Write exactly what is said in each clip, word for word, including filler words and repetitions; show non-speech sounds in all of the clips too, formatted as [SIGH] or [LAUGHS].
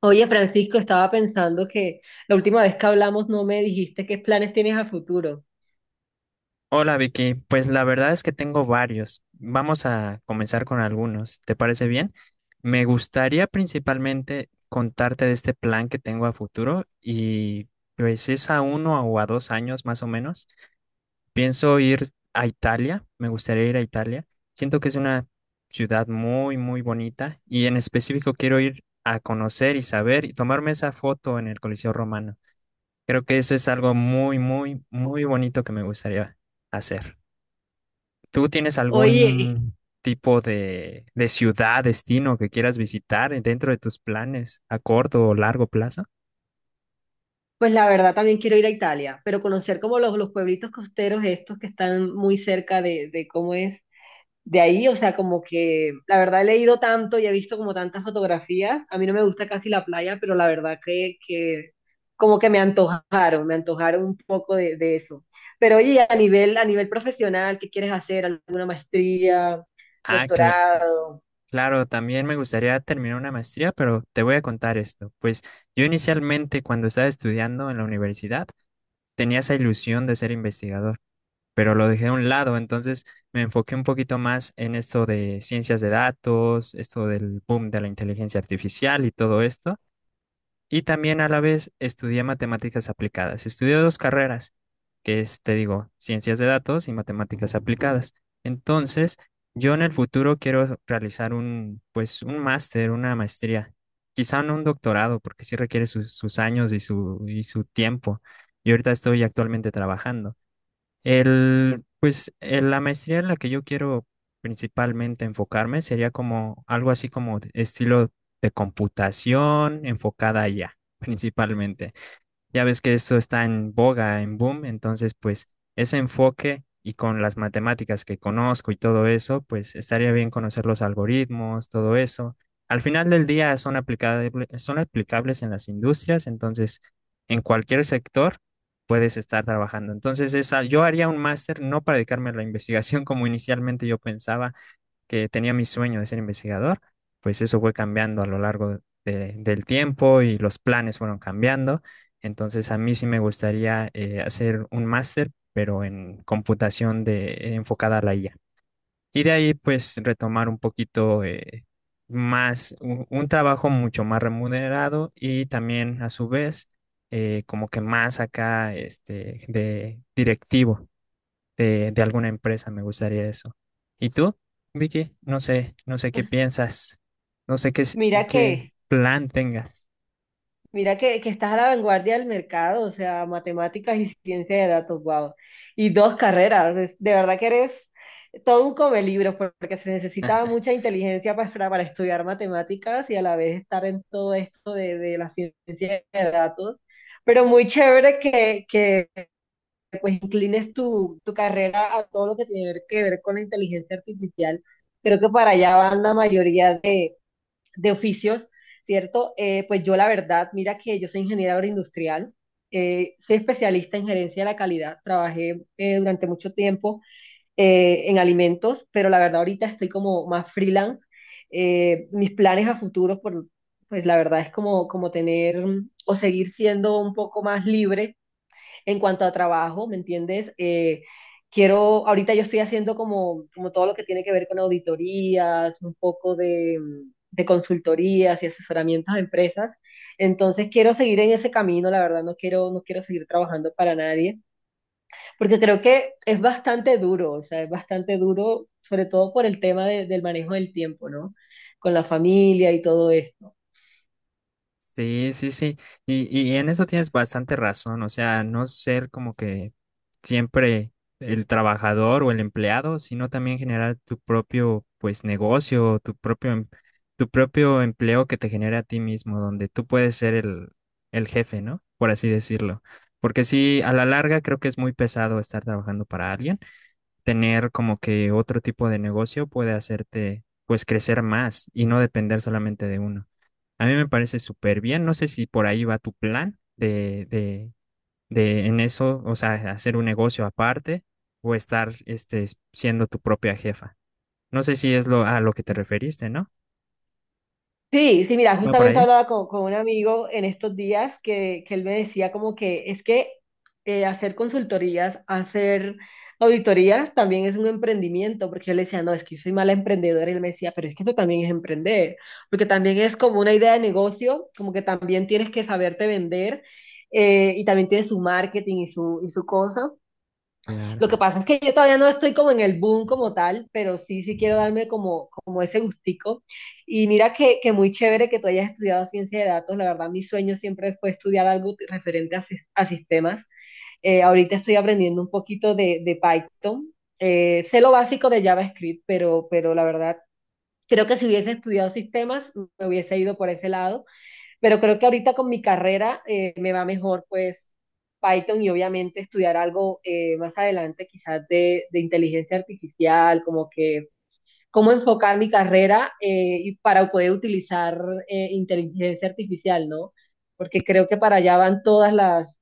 Oye, Francisco, estaba pensando que la última vez que hablamos no me dijiste qué planes tienes a futuro. Hola Vicky, pues la verdad es que tengo varios. Vamos a comenzar con algunos. ¿Te parece bien? Me gustaría principalmente contarte de este plan que tengo a futuro y pues es a uno o a dos años más o menos. Pienso ir a Italia, me gustaría ir a Italia. Siento que es una ciudad muy, muy bonita y en específico quiero ir a conocer y saber y tomarme esa foto en el Coliseo Romano. Creo que eso es algo muy, muy, muy bonito que me gustaría hacer. ¿Tú tienes Oye, algún tipo de, de ciudad, destino que quieras visitar dentro de tus planes a corto o largo plazo? pues la verdad también quiero ir a Italia, pero conocer como los, los pueblitos costeros estos que están muy cerca de, de cómo es de ahí, o sea, como que la verdad he leído tanto y he visto como tantas fotografías. A mí no me gusta casi la playa, pero la verdad que, que como que me antojaron, me antojaron un poco de, de eso. Pero oye, a nivel, a nivel profesional, ¿qué quieres hacer? ¿Alguna maestría, Ah, cla- doctorado? claro, también me gustaría terminar una maestría, pero te voy a contar esto. Pues yo inicialmente cuando estaba estudiando en la universidad tenía esa ilusión de ser investigador, pero lo dejé a un lado, entonces me enfoqué un poquito más en esto de ciencias de datos, esto del boom de la inteligencia artificial y todo esto. Y también a la vez estudié matemáticas aplicadas. Estudié dos carreras, que es, te digo, ciencias de datos y matemáticas aplicadas. Entonces, yo en el futuro quiero realizar un, pues, un máster, una maestría. Quizá no un doctorado, porque sí requiere sus, sus años y su, y su tiempo. Y ahorita estoy actualmente trabajando. El, pues eh, la maestría en la que yo quiero principalmente enfocarme sería como algo así como de estilo de computación enfocada allá, principalmente. Ya ves que eso está en boga, en boom, entonces pues ese enfoque y con las matemáticas que conozco y todo eso, pues estaría bien conocer los algoritmos, todo eso. Al final del día son aplicable- son aplicables en las industrias, entonces en cualquier sector puedes estar trabajando. Entonces esa, yo haría un máster no para dedicarme a la investigación [LAUGHS] como inicialmente yo pensaba, que tenía mi sueño de ser investigador, pues eso fue cambiando a lo largo de- del tiempo y los planes fueron cambiando. Entonces a mí sí me gustaría eh, hacer un máster, pero en computación de, enfocada a la I A. Y de ahí pues retomar un poquito eh, más, un, un trabajo mucho más remunerado y también a su vez eh, como que más acá este, de directivo de, de alguna empresa, me gustaría eso. ¿Y tú, Vicky? No sé, no sé qué piensas, no sé qué, s- Mira qué que, plan tengas. mira que, que estás a la vanguardia del mercado, o sea, matemáticas y ciencia de datos, wow. Y dos carreras, es- de verdad que eres todo un come libros, porque se necesita mucha inteligencia pa- para, para estudiar matemáticas y a la vez estar en todo esto de, de la ciencia de datos. Pero muy chévere que, que pues inclines tu, tu carrera a todo lo que tiene que ver con la inteligencia artificial. Creo que para allá van la mayoría de oficios, ¿cierto? Eh, pues yo la verdad, mira que yo soy ingeniera agroindustrial, eh, soy especialista en gerencia de la calidad, trabajé eh, durante mucho tiempo eh, en alimentos, pero la verdad ahorita estoy como más freelance. Eh, mis planes a futuro, por, pues la verdad es como, como tener mm, o seguir siendo un poco más libre en cuanto a trabajo, ¿me entiendes? Eh, quiero, ahorita yo estoy haciendo como, como todo lo que tiene que ver con auditorías, un poco de, de consultorías y asesoramientos a empresas. Entonces quiero seguir en ese camino, la verdad no quiero, no quiero seguir trabajando para nadie, porque creo que es bastante duro, o sea, es bastante duro, sobre todo por el tema de, del manejo del tiempo, ¿no? Con la familia y todo esto. Sí, sí, sí. Y, y en eso tienes bastante razón. O sea, no ser como que siempre el trabajador o el empleado, sino también generar tu propio, pues, negocio, tu propio, em- tu propio empleo que te genere a ti mismo, donde tú puedes ser el, el jefe, ¿no? Por así decirlo. Porque sí, a la larga creo que es muy pesado estar trabajando para alguien. Tener como que otro tipo de negocio puede hacerte, pues, crecer más y no depender solamente de uno. A mí me parece súper bien. No sé si por ahí va tu plan de, de, de en eso, o sea, hacer un negocio aparte o estar este, siendo tu propia jefa. No sé si es lo a lo que te referiste, ¿no? Sí, sí, mira, ¿Va por justamente ahí? hablaba con, con un amigo en estos días que, que él me decía como que es que eh, hacer consultorías, hacer auditorías también es un emprendimiento, porque yo le decía, no, es que soy mala emprendedora, y él me decía, pero es que eso también es emprender, porque también es como una idea de negocio, como que también tienes que saberte vender eh, y también tienes su marketing y su, y su cosa. Lo que Claro. pasa es que yo todavía no estoy como en el boom como tal, pero sí, sí quiero darme como, como ese gustico. Y mira que, que muy chévere que tú hayas estudiado ciencia de datos. La verdad, mi sueño siempre fue estudiar algo t- referente a, sis- a sistemas. Eh, ahorita estoy aprendiendo un poquito de, de Python. Eh, sé lo básico de JavaScript, pero, pero la verdad, creo que si hubiese estudiado sistemas, me hubiese ido por ese lado pero creo que ahorita con mi carrera eh, me va mejor, pues, Python y obviamente estudiar algo eh, más adelante, quizás de, de inteligencia artificial, como que cómo enfocar mi carrera eh, y para poder utilizar eh, inteligencia artificial, ¿no? Porque creo que para allá van todas las,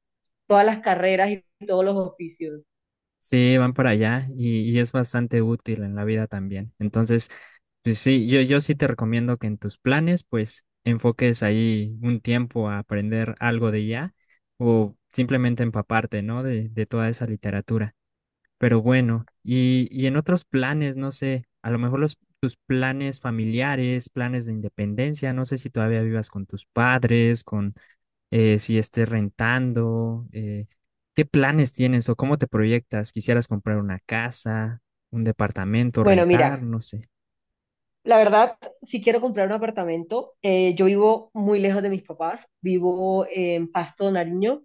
todas las carreras y todos los oficios. Sí, van para allá y, y es bastante útil en la vida también. Entonces, pues sí, yo, yo sí te recomiendo que en tus planes, pues enfoques ahí un tiempo a aprender algo de ya o simplemente empaparte, ¿no? De, de toda esa literatura. Pero bueno, y, y en otros planes, no sé, a lo mejor los, tus planes familiares, planes de independencia, no sé si todavía vivas con tus padres, con eh, si estés rentando, eh, ¿qué planes tienes o cómo te proyectas? ¿Quisieras comprar una casa, un departamento, Bueno, rentar? mira, No sé. la verdad, si quiero comprar un apartamento, eh, yo vivo muy lejos de mis papás, vivo en Pasto, Nariño.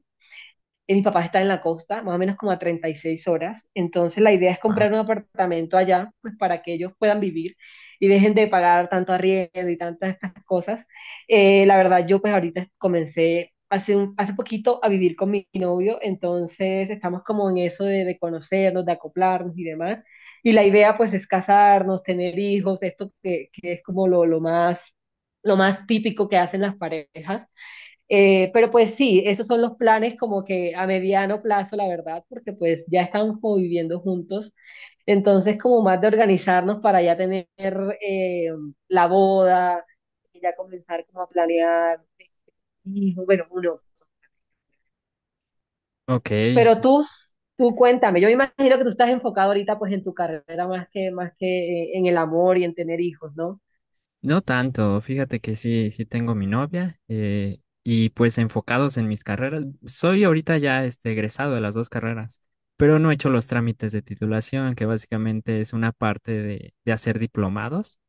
Eh, Mi papá está en la costa, más o menos como a treinta y seis horas. Entonces la idea es Wow. comprar un apartamento allá, pues para que ellos puedan vivir y dejen de pagar tanto arriendo y tantas estas cosas. Eh, la verdad, yo pues ahorita comencé hace, un- hace poquito a vivir con mi novio, entonces estamos como en eso de, de conocernos, de acoplarnos y demás. Y la idea pues es casarnos, tener hijos, esto que, que es como lo, lo más, lo más típico que hacen las parejas. Eh, pero pues sí, esos son los planes como que a mediano plazo, la verdad, porque pues ya estamos como viviendo juntos. Entonces, como más de organizarnos para ya tener eh, la boda y ya comenzar como a planear hijos, bueno, uno. Ok. Pero tú, tú cuéntame, yo me imagino que tú estás enfocado ahorita pues en tu carrera más que, más que eh, en el amor y en tener hijos, ¿no? No tanto, fíjate que sí, sí tengo mi novia eh, y pues enfocados en mis carreras. Soy ahorita ya este, egresado de las dos carreras, pero no he hecho los trámites de titulación, que básicamente es una parte de, de hacer diplomados,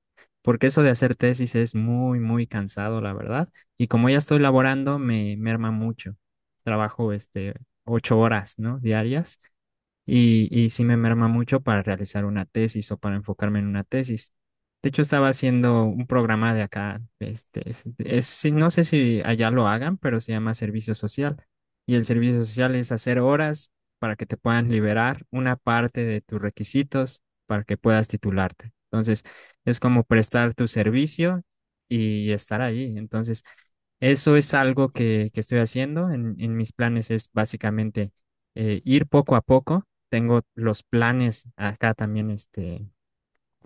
porque eso de hacer tesis es muy, muy cansado, la verdad. Y como ya estoy laborando, me merma mucho. Trabajo este, ocho horas, ¿no? Diarias y, y sí me merma mucho para realizar una tesis o para enfocarme en una tesis. De hecho, estaba haciendo un programa de acá, este, es, es- sí, no sé si allá lo hagan, pero se llama servicio social. Y el servicio social es hacer horas para que te puedan liberar una parte de tus requisitos para que puedas titularte. Entonces, es como prestar tu servicio y estar ahí. Entonces, eso es algo que, que estoy haciendo. En, en mis planes es básicamente eh, ir poco a poco, tengo los planes acá también, este,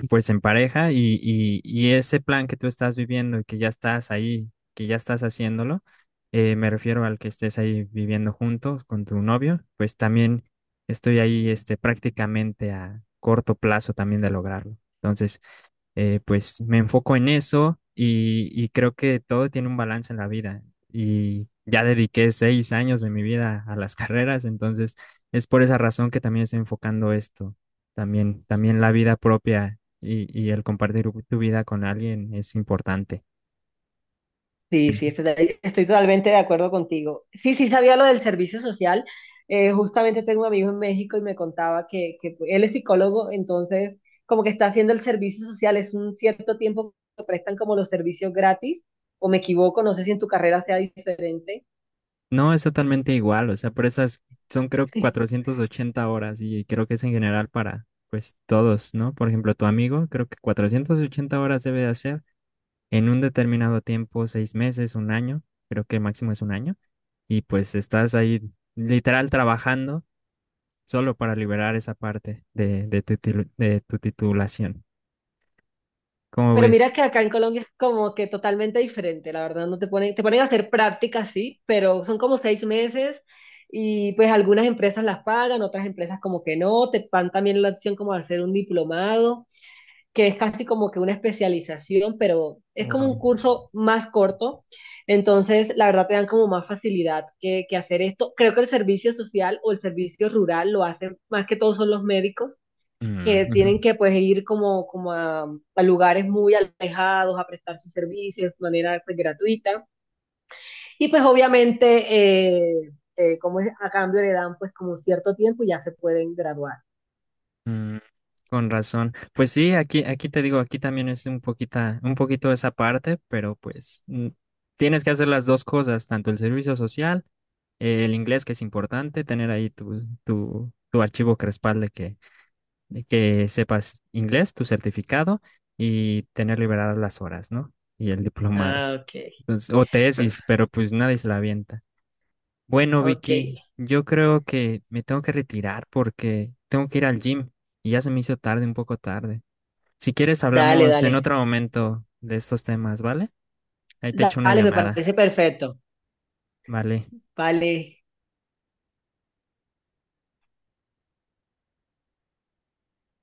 pues en pareja y, y, y ese plan que tú estás viviendo y que ya estás ahí, que ya estás haciéndolo, eh, me refiero al que estés ahí viviendo juntos con tu novio, pues también estoy ahí, este, prácticamente a corto plazo también de lograrlo. Entonces, eh, pues me enfoco en eso y, y creo que todo tiene un balance en la vida. Y ya dediqué seis años de mi vida a las [LAUGHS] carreras, entonces es por esa razón que también estoy enfocando esto. También, también la vida propia y, y el compartir tu vida con alguien es importante. Sí, sí, estoy, estoy totalmente de acuerdo contigo. Sí, sí, sabía lo del servicio social. Eh, justamente tengo un amigo en México y me contaba que, que él es psicólogo, entonces como que está haciendo el servicio social, es un cierto tiempo que prestan como los servicios gratis, o me equivoco, no sé si en tu carrera sea diferente. No, es totalmente igual, o sea, por esas son creo cuatrocientas ochenta horas y creo que es en general para pues todos, ¿no? Por ejemplo, tu amigo, creo que cuatrocientas ochenta horas debe de hacer en un determinado tiempo, seis meses, un año, creo que el máximo es un año, y pues estás ahí literal trabajando solo para liberar esa parte de, de tu, tilu- de tu titulación. ¿Cómo Pero mira ves? que acá en Colombia es como que totalmente diferente, la verdad, no te ponen, te ponen a hacer prácticas, sí, pero son como seis meses y pues algunas empresas las pagan, otras empresas como que no, te dan también la opción como de hacer un diplomado, que es casi como que una especialización, pero es como Wow. un curso más corto, entonces la verdad te dan como más facilidad que, que hacer esto. Creo que el servicio social o el servicio rural lo hacen más que todos son los médicos Mm, que ujú, tienen que pues ir como, como a, a lugares muy alejados a prestar sus servicios de manera pues, gratuita. Y pues obviamente, eh, eh, como es, a cambio le dan pues como cierto tiempo y ya se pueden graduar. mm, con razón. Pues sí, aquí, aquí te digo, aquí también es un poquita, un poquito esa parte, pero pues mm, tienes que hacer las dos cosas, tanto el servicio social, eh, el inglés que es importante, tener ahí tu, tu, tu archivo que respalde que, de que sepas inglés, tu certificado y tener liberadas las horas, ¿no? Y el diplomado. Ah, ok, Entonces, o tesis, pero pues nadie se la avienta. Bueno, ok. Vicky, yo creo que me tengo que retirar porque tengo que ir al gym y ya se me hizo tarde, un poco tarde. Si quieres, Dale, hablamos en dale. otro momento de estos temas, ¿vale? Ahí te echo una Dale, me llamada, parece perfecto. ¿vale? Vale.